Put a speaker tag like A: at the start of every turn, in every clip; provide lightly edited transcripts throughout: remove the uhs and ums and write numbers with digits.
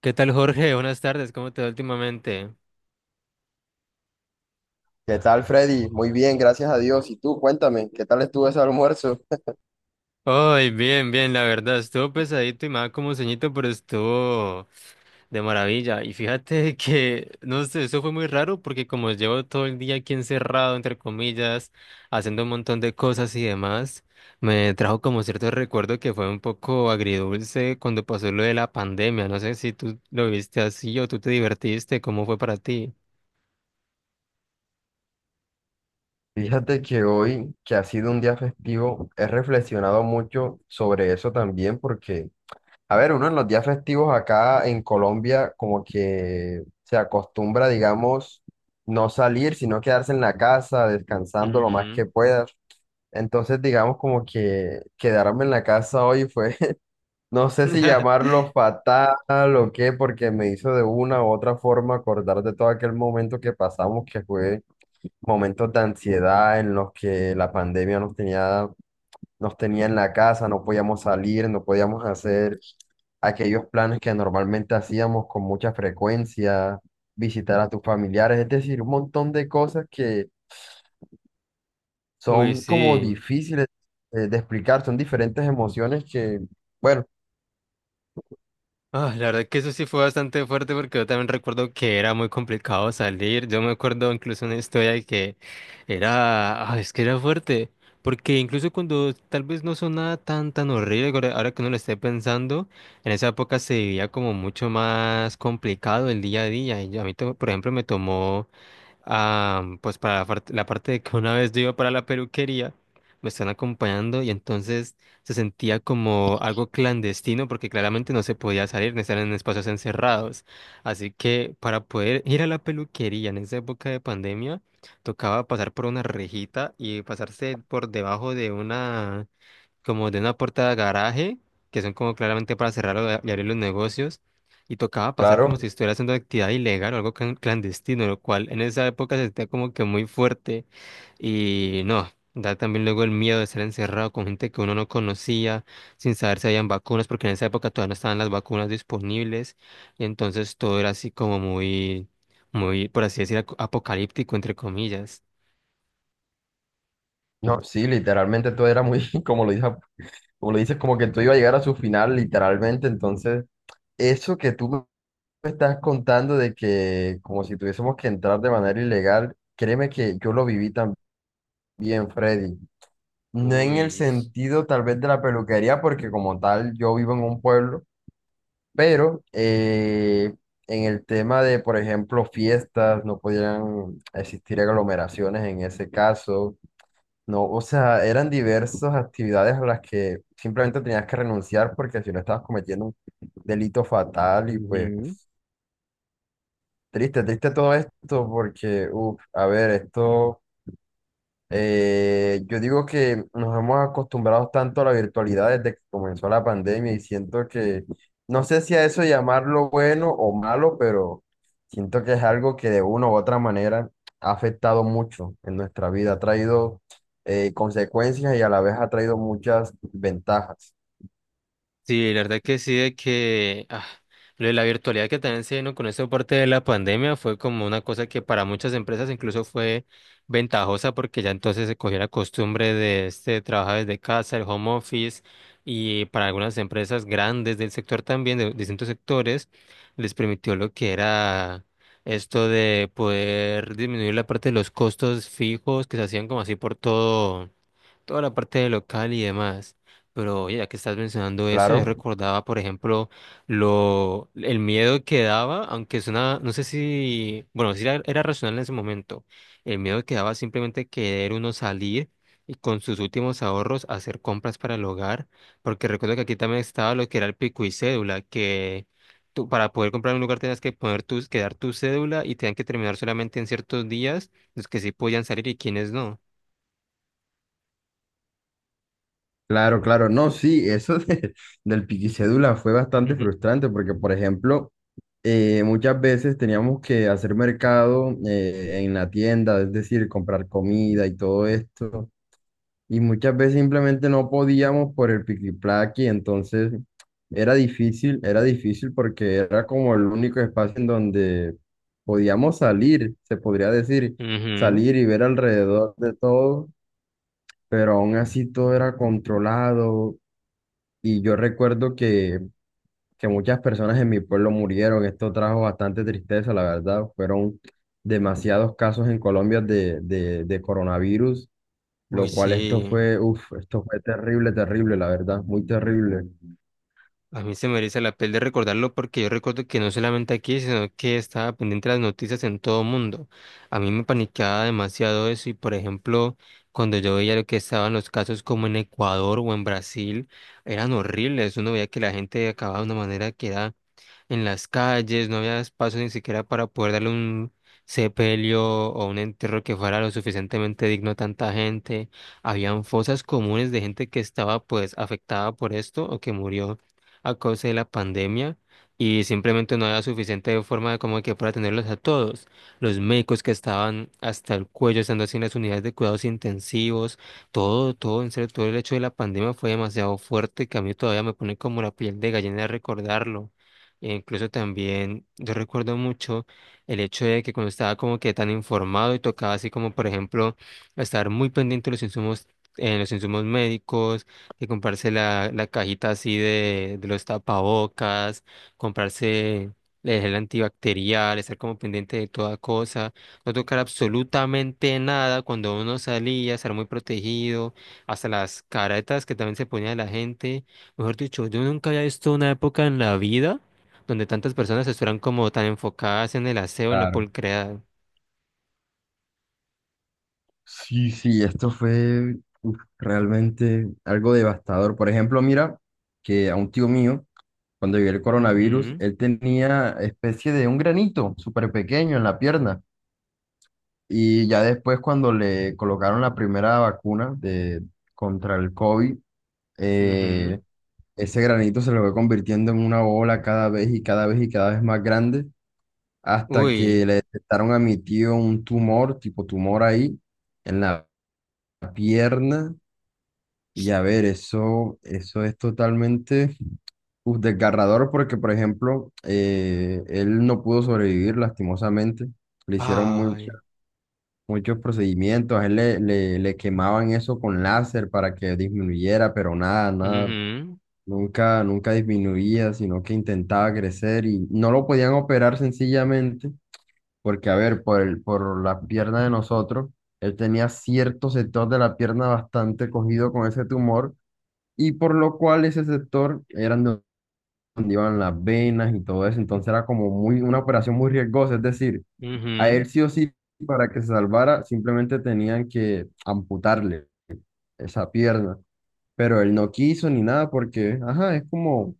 A: ¿Qué tal, Jorge? Buenas tardes, ¿cómo te va últimamente?
B: ¿Qué tal, Freddy? Muy bien, gracias a Dios. Y tú, cuéntame, ¿qué tal estuvo ese almuerzo?
A: Ay, bien, bien, la verdad, estuvo pesadito y me daba como sueñito, pero estuvo de maravilla. Y fíjate que, no sé, eso fue muy raro porque como llevo todo el día aquí encerrado, entre comillas, haciendo un montón de cosas y demás, me trajo como cierto recuerdo que fue un poco agridulce cuando pasó lo de la pandemia. No sé si tú lo viste así o tú te divertiste, ¿cómo fue para ti?
B: Fíjate que hoy, que ha sido un día festivo, he reflexionado mucho sobre eso también porque, a ver, uno en los días festivos acá en Colombia como que se acostumbra, digamos, no salir, sino quedarse en la casa, descansando lo más que
A: Ujú.
B: puedas. Entonces, digamos, como que quedarme en la casa hoy fue. No sé si llamarlo fatal o qué, porque me hizo de una u otra forma acordar de todo aquel momento que pasamos, que fue momentos de ansiedad en los que la pandemia nos tenía en la casa, no podíamos salir, no podíamos hacer aquellos planes que normalmente hacíamos con mucha frecuencia, visitar a tus familiares, es decir, un montón de cosas que
A: Uy,
B: son como
A: sí.
B: difíciles de explicar, son diferentes emociones que, bueno,
A: Ah, la verdad que eso sí fue bastante fuerte porque yo también recuerdo que era muy complicado salir. Yo me acuerdo incluso una historia de que era, ah, es que era fuerte, porque incluso cuando tal vez no sonaba tan horrible, ahora que uno lo esté pensando, en esa época se vivía como mucho más complicado el día a día. Y a mí, por ejemplo, me tomó ah, pues para la parte de que una vez yo iba para la peluquería, me están acompañando y entonces se sentía como algo clandestino porque claramente no se podía salir, no estar en espacios encerrados. Así que para poder ir a la peluquería en esa época de pandemia, tocaba pasar por una rejita y pasarse por debajo de una como de una puerta de garaje, que son como claramente para cerrar o y abrir los negocios, y tocaba pasar como si
B: claro.
A: estuviera haciendo actividad ilegal o algo clandestino, lo cual en esa época se sentía como que muy fuerte y no. Da también luego el miedo de ser encerrado con gente que uno no conocía, sin saber si habían vacunas, porque en esa época todavía no estaban las vacunas disponibles, y entonces todo era así como muy, muy, por así decir, apocalíptico, entre comillas.
B: No, sí, literalmente todo era muy, como lo dices, como lo dices, como que todo iba a llegar a su final, literalmente. Entonces, eso que tú me estás contando de que como si tuviésemos que entrar de manera ilegal, créeme que yo lo viví también, Freddy. No en el
A: Uy.
B: sentido tal vez de la peluquería, porque como tal yo vivo en un pueblo, pero en el tema de, por ejemplo, fiestas, no podían existir aglomeraciones en ese caso no, o sea, eran diversas actividades a las que simplemente tenías que renunciar porque si no estabas cometiendo un delito fatal y pues triste, triste todo esto porque, uff, a ver, esto yo digo que nos hemos acostumbrado tanto a la virtualidad desde que comenzó la pandemia y siento que, no sé si a eso llamarlo bueno o malo, pero siento que es algo que de una u otra manera ha afectado mucho en nuestra vida, ha traído consecuencias y a la vez ha traído muchas ventajas.
A: Sí, la verdad que sí, de que ah, lo de la virtualidad que también se vino con esta parte de la pandemia fue como una cosa que para muchas empresas incluso fue ventajosa porque ya entonces se cogió la costumbre de este trabajar desde casa, el home office, y para algunas empresas grandes del sector también, de distintos sectores, les permitió lo que era esto de poder disminuir la parte de los costos fijos que se hacían como así por todo toda la parte de local y demás. Pero ya que estás mencionando eso, yo
B: Claro,
A: recordaba, por ejemplo, lo, el miedo que daba, aunque es una no sé si, bueno, si era, era racional en ese momento, el miedo que daba simplemente querer uno salir y con sus últimos ahorros hacer compras para el hogar, porque recuerdo que aquí también estaba lo que era el pico y cédula, que tú, para poder comprar un lugar tenías que poner tus, que dar tu cédula y tenían que terminar solamente en ciertos días los que sí podían salir y quienes no.
B: claro, claro. No, sí, eso del piquicédula fue bastante
A: Ujú.
B: frustrante porque, por ejemplo, muchas veces teníamos que hacer mercado en la tienda, es decir, comprar comida y todo esto. Y muchas veces simplemente no podíamos por el piquiplaqui, entonces era difícil porque era como el único espacio en donde podíamos salir, se podría decir,
A: Ujú.
B: salir y ver alrededor de todo, pero aún así todo era controlado. Y yo recuerdo que muchas personas en mi pueblo murieron. Esto trajo bastante tristeza, la verdad. Fueron demasiados casos en Colombia de coronavirus,
A: Uy,
B: lo cual esto
A: sí,
B: fue, uf, esto fue terrible, terrible, la verdad, muy terrible.
A: a mí se me eriza la piel de recordarlo porque yo recuerdo que no solamente aquí, sino que estaba pendiente de las noticias en todo mundo. A mí me paniqueaba demasiado eso y, por ejemplo, cuando yo veía lo que estaban los casos como en Ecuador o en Brasil, eran horribles. Uno veía que la gente acababa de una manera que era en las calles, no había espacio ni siquiera para poder darle un sepelio o un entierro que fuera lo suficientemente digno a tanta gente. Habían fosas comunes de gente que estaba pues afectada por esto o que murió a causa de la pandemia y simplemente no había suficiente forma de como que para atenderlos a todos. Los médicos que estaban hasta el cuello, estando así en las unidades de cuidados intensivos, todo, todo, en serio, todo el hecho de la pandemia fue demasiado fuerte que a mí todavía me pone como la piel de gallina de recordarlo. E incluso también yo recuerdo mucho el hecho de que cuando estaba como que tan informado y tocaba así como por ejemplo estar muy pendiente de los insumos, en los insumos médicos, que comprarse la, la cajita así de los tapabocas, comprarse el gel antibacterial, estar como pendiente de toda cosa, no tocar absolutamente nada cuando uno salía, estar muy protegido, hasta las caretas que también se ponía la gente. Mejor dicho, yo nunca había visto una época en la vida donde tantas personas estuvieran como tan enfocadas en el aseo, en la
B: Claro.
A: pulcredad.
B: Sí, sí, esto fue uf, realmente algo devastador. Por ejemplo, mira que a un tío mío, cuando llegó el coronavirus,
A: Ujú,
B: él tenía especie de un granito súper pequeño en la pierna. Y ya después, cuando le colocaron la primera vacuna de, contra el COVID,
A: ujú.
B: eh, ese granito se le fue convirtiendo en una bola cada vez y cada vez y cada vez más grande, hasta que
A: Uy,
B: le detectaron a mi tío un tumor, tipo tumor ahí, en la pierna. Y a ver, eso es totalmente uf, desgarrador porque, por ejemplo, él no pudo sobrevivir lastimosamente. Le hicieron muchas
A: ay,
B: muchos procedimientos. A él le quemaban eso con láser para que disminuyera, pero nada, nada,
A: ujú,
B: nunca disminuía, sino que intentaba crecer y no lo podían operar sencillamente, porque a ver, por la pierna de nosotros, él tenía cierto sector de la pierna bastante cogido con ese tumor y por lo cual ese sector eran donde iban las venas y todo eso, entonces era como muy, una operación muy riesgosa, es decir, a
A: ujú.
B: él sí o sí, para que se salvara, simplemente tenían que amputarle esa pierna. Pero él no quiso ni nada porque, ajá, es como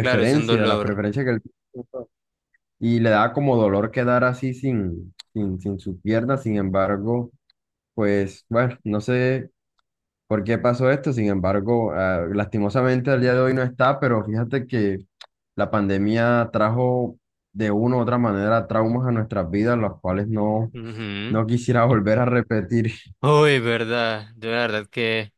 A: Claro, es un
B: la
A: dolor.
B: preferencia que él tiene. Y le da como dolor quedar así sin su pierna. Sin embargo, pues bueno, no sé por qué pasó esto. Sin embargo, ah, lastimosamente al día de hoy no está, pero fíjate que la pandemia trajo de una u otra manera traumas a nuestras vidas, los cuales no.
A: Ujú.
B: No quisiera volver a repetir.
A: Uy, verdad. Yo la verdad que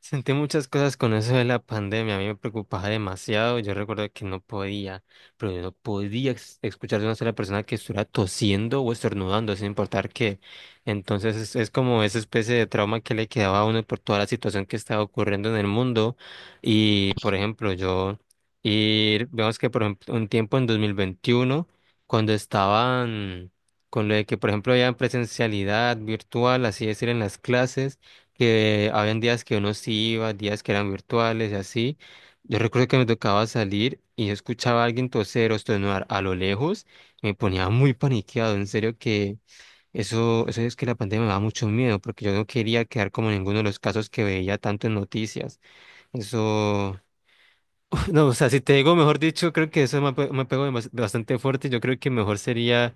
A: sentí muchas cosas con eso de la pandemia. A mí me preocupaba demasiado. Yo recuerdo que no podía, pero yo no podía escuchar de una sola persona que estuviera tosiendo o estornudando, sin importar qué. Entonces es como esa especie de trauma que le quedaba a uno por toda la situación que estaba ocurriendo en el mundo. Y, por ejemplo, y vemos que, por ejemplo, un tiempo en 2021 cuando estaban con lo de que, por ejemplo, había presencialidad virtual, así decir, en las clases, que habían días que uno sí iba, días que eran virtuales y así. Yo recuerdo que me tocaba salir y yo escuchaba a alguien toser o estornudar a lo lejos, me ponía muy paniqueado, en serio que eso es que la pandemia me da mucho miedo, porque yo no quería quedar como en ninguno de los casos que veía tanto en noticias. Eso, no, o sea, si te digo, mejor dicho, creo que eso me pegó bastante fuerte. Yo creo que mejor sería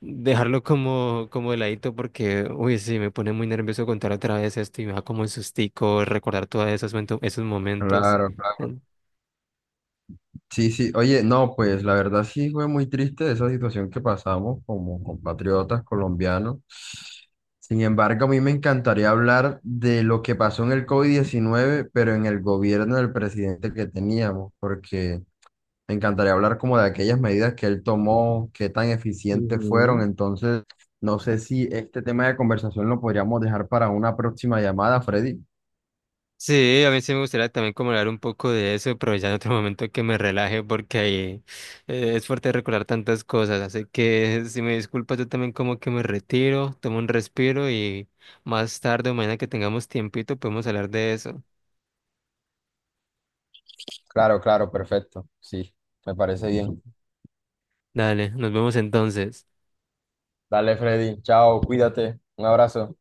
A: dejarlo como, como de ladito porque, uy, sí, me pone muy nervioso contar otra vez esto y me da como un sustico recordar todos esos, esos momentos.
B: Claro, claro.
A: Mm.
B: Sí, sí. Oye, no, pues la verdad sí fue muy triste esa situación que pasamos como compatriotas colombianos. Sin embargo, a mí me encantaría hablar de lo que pasó en el COVID-19 pero en el gobierno del presidente que teníamos, porque me encantaría hablar como de aquellas medidas que él tomó, qué tan eficientes fueron.
A: Ujú.
B: Entonces, no sé si este tema de conversación lo podríamos dejar para una próxima llamada, Freddy.
A: Sí, a mí sí me gustaría también como hablar un poco de eso, pero ya en otro momento que me relaje porque ahí es fuerte recordar tantas cosas, así que si me disculpas yo también como que me retiro, tomo un respiro y más tarde o mañana que tengamos tiempito podemos hablar de eso.
B: Claro, claro, perfecto. Sí, me parece bien.
A: Dale, nos vemos entonces.
B: Dale, Freddy. Chao, cuídate. Un abrazo.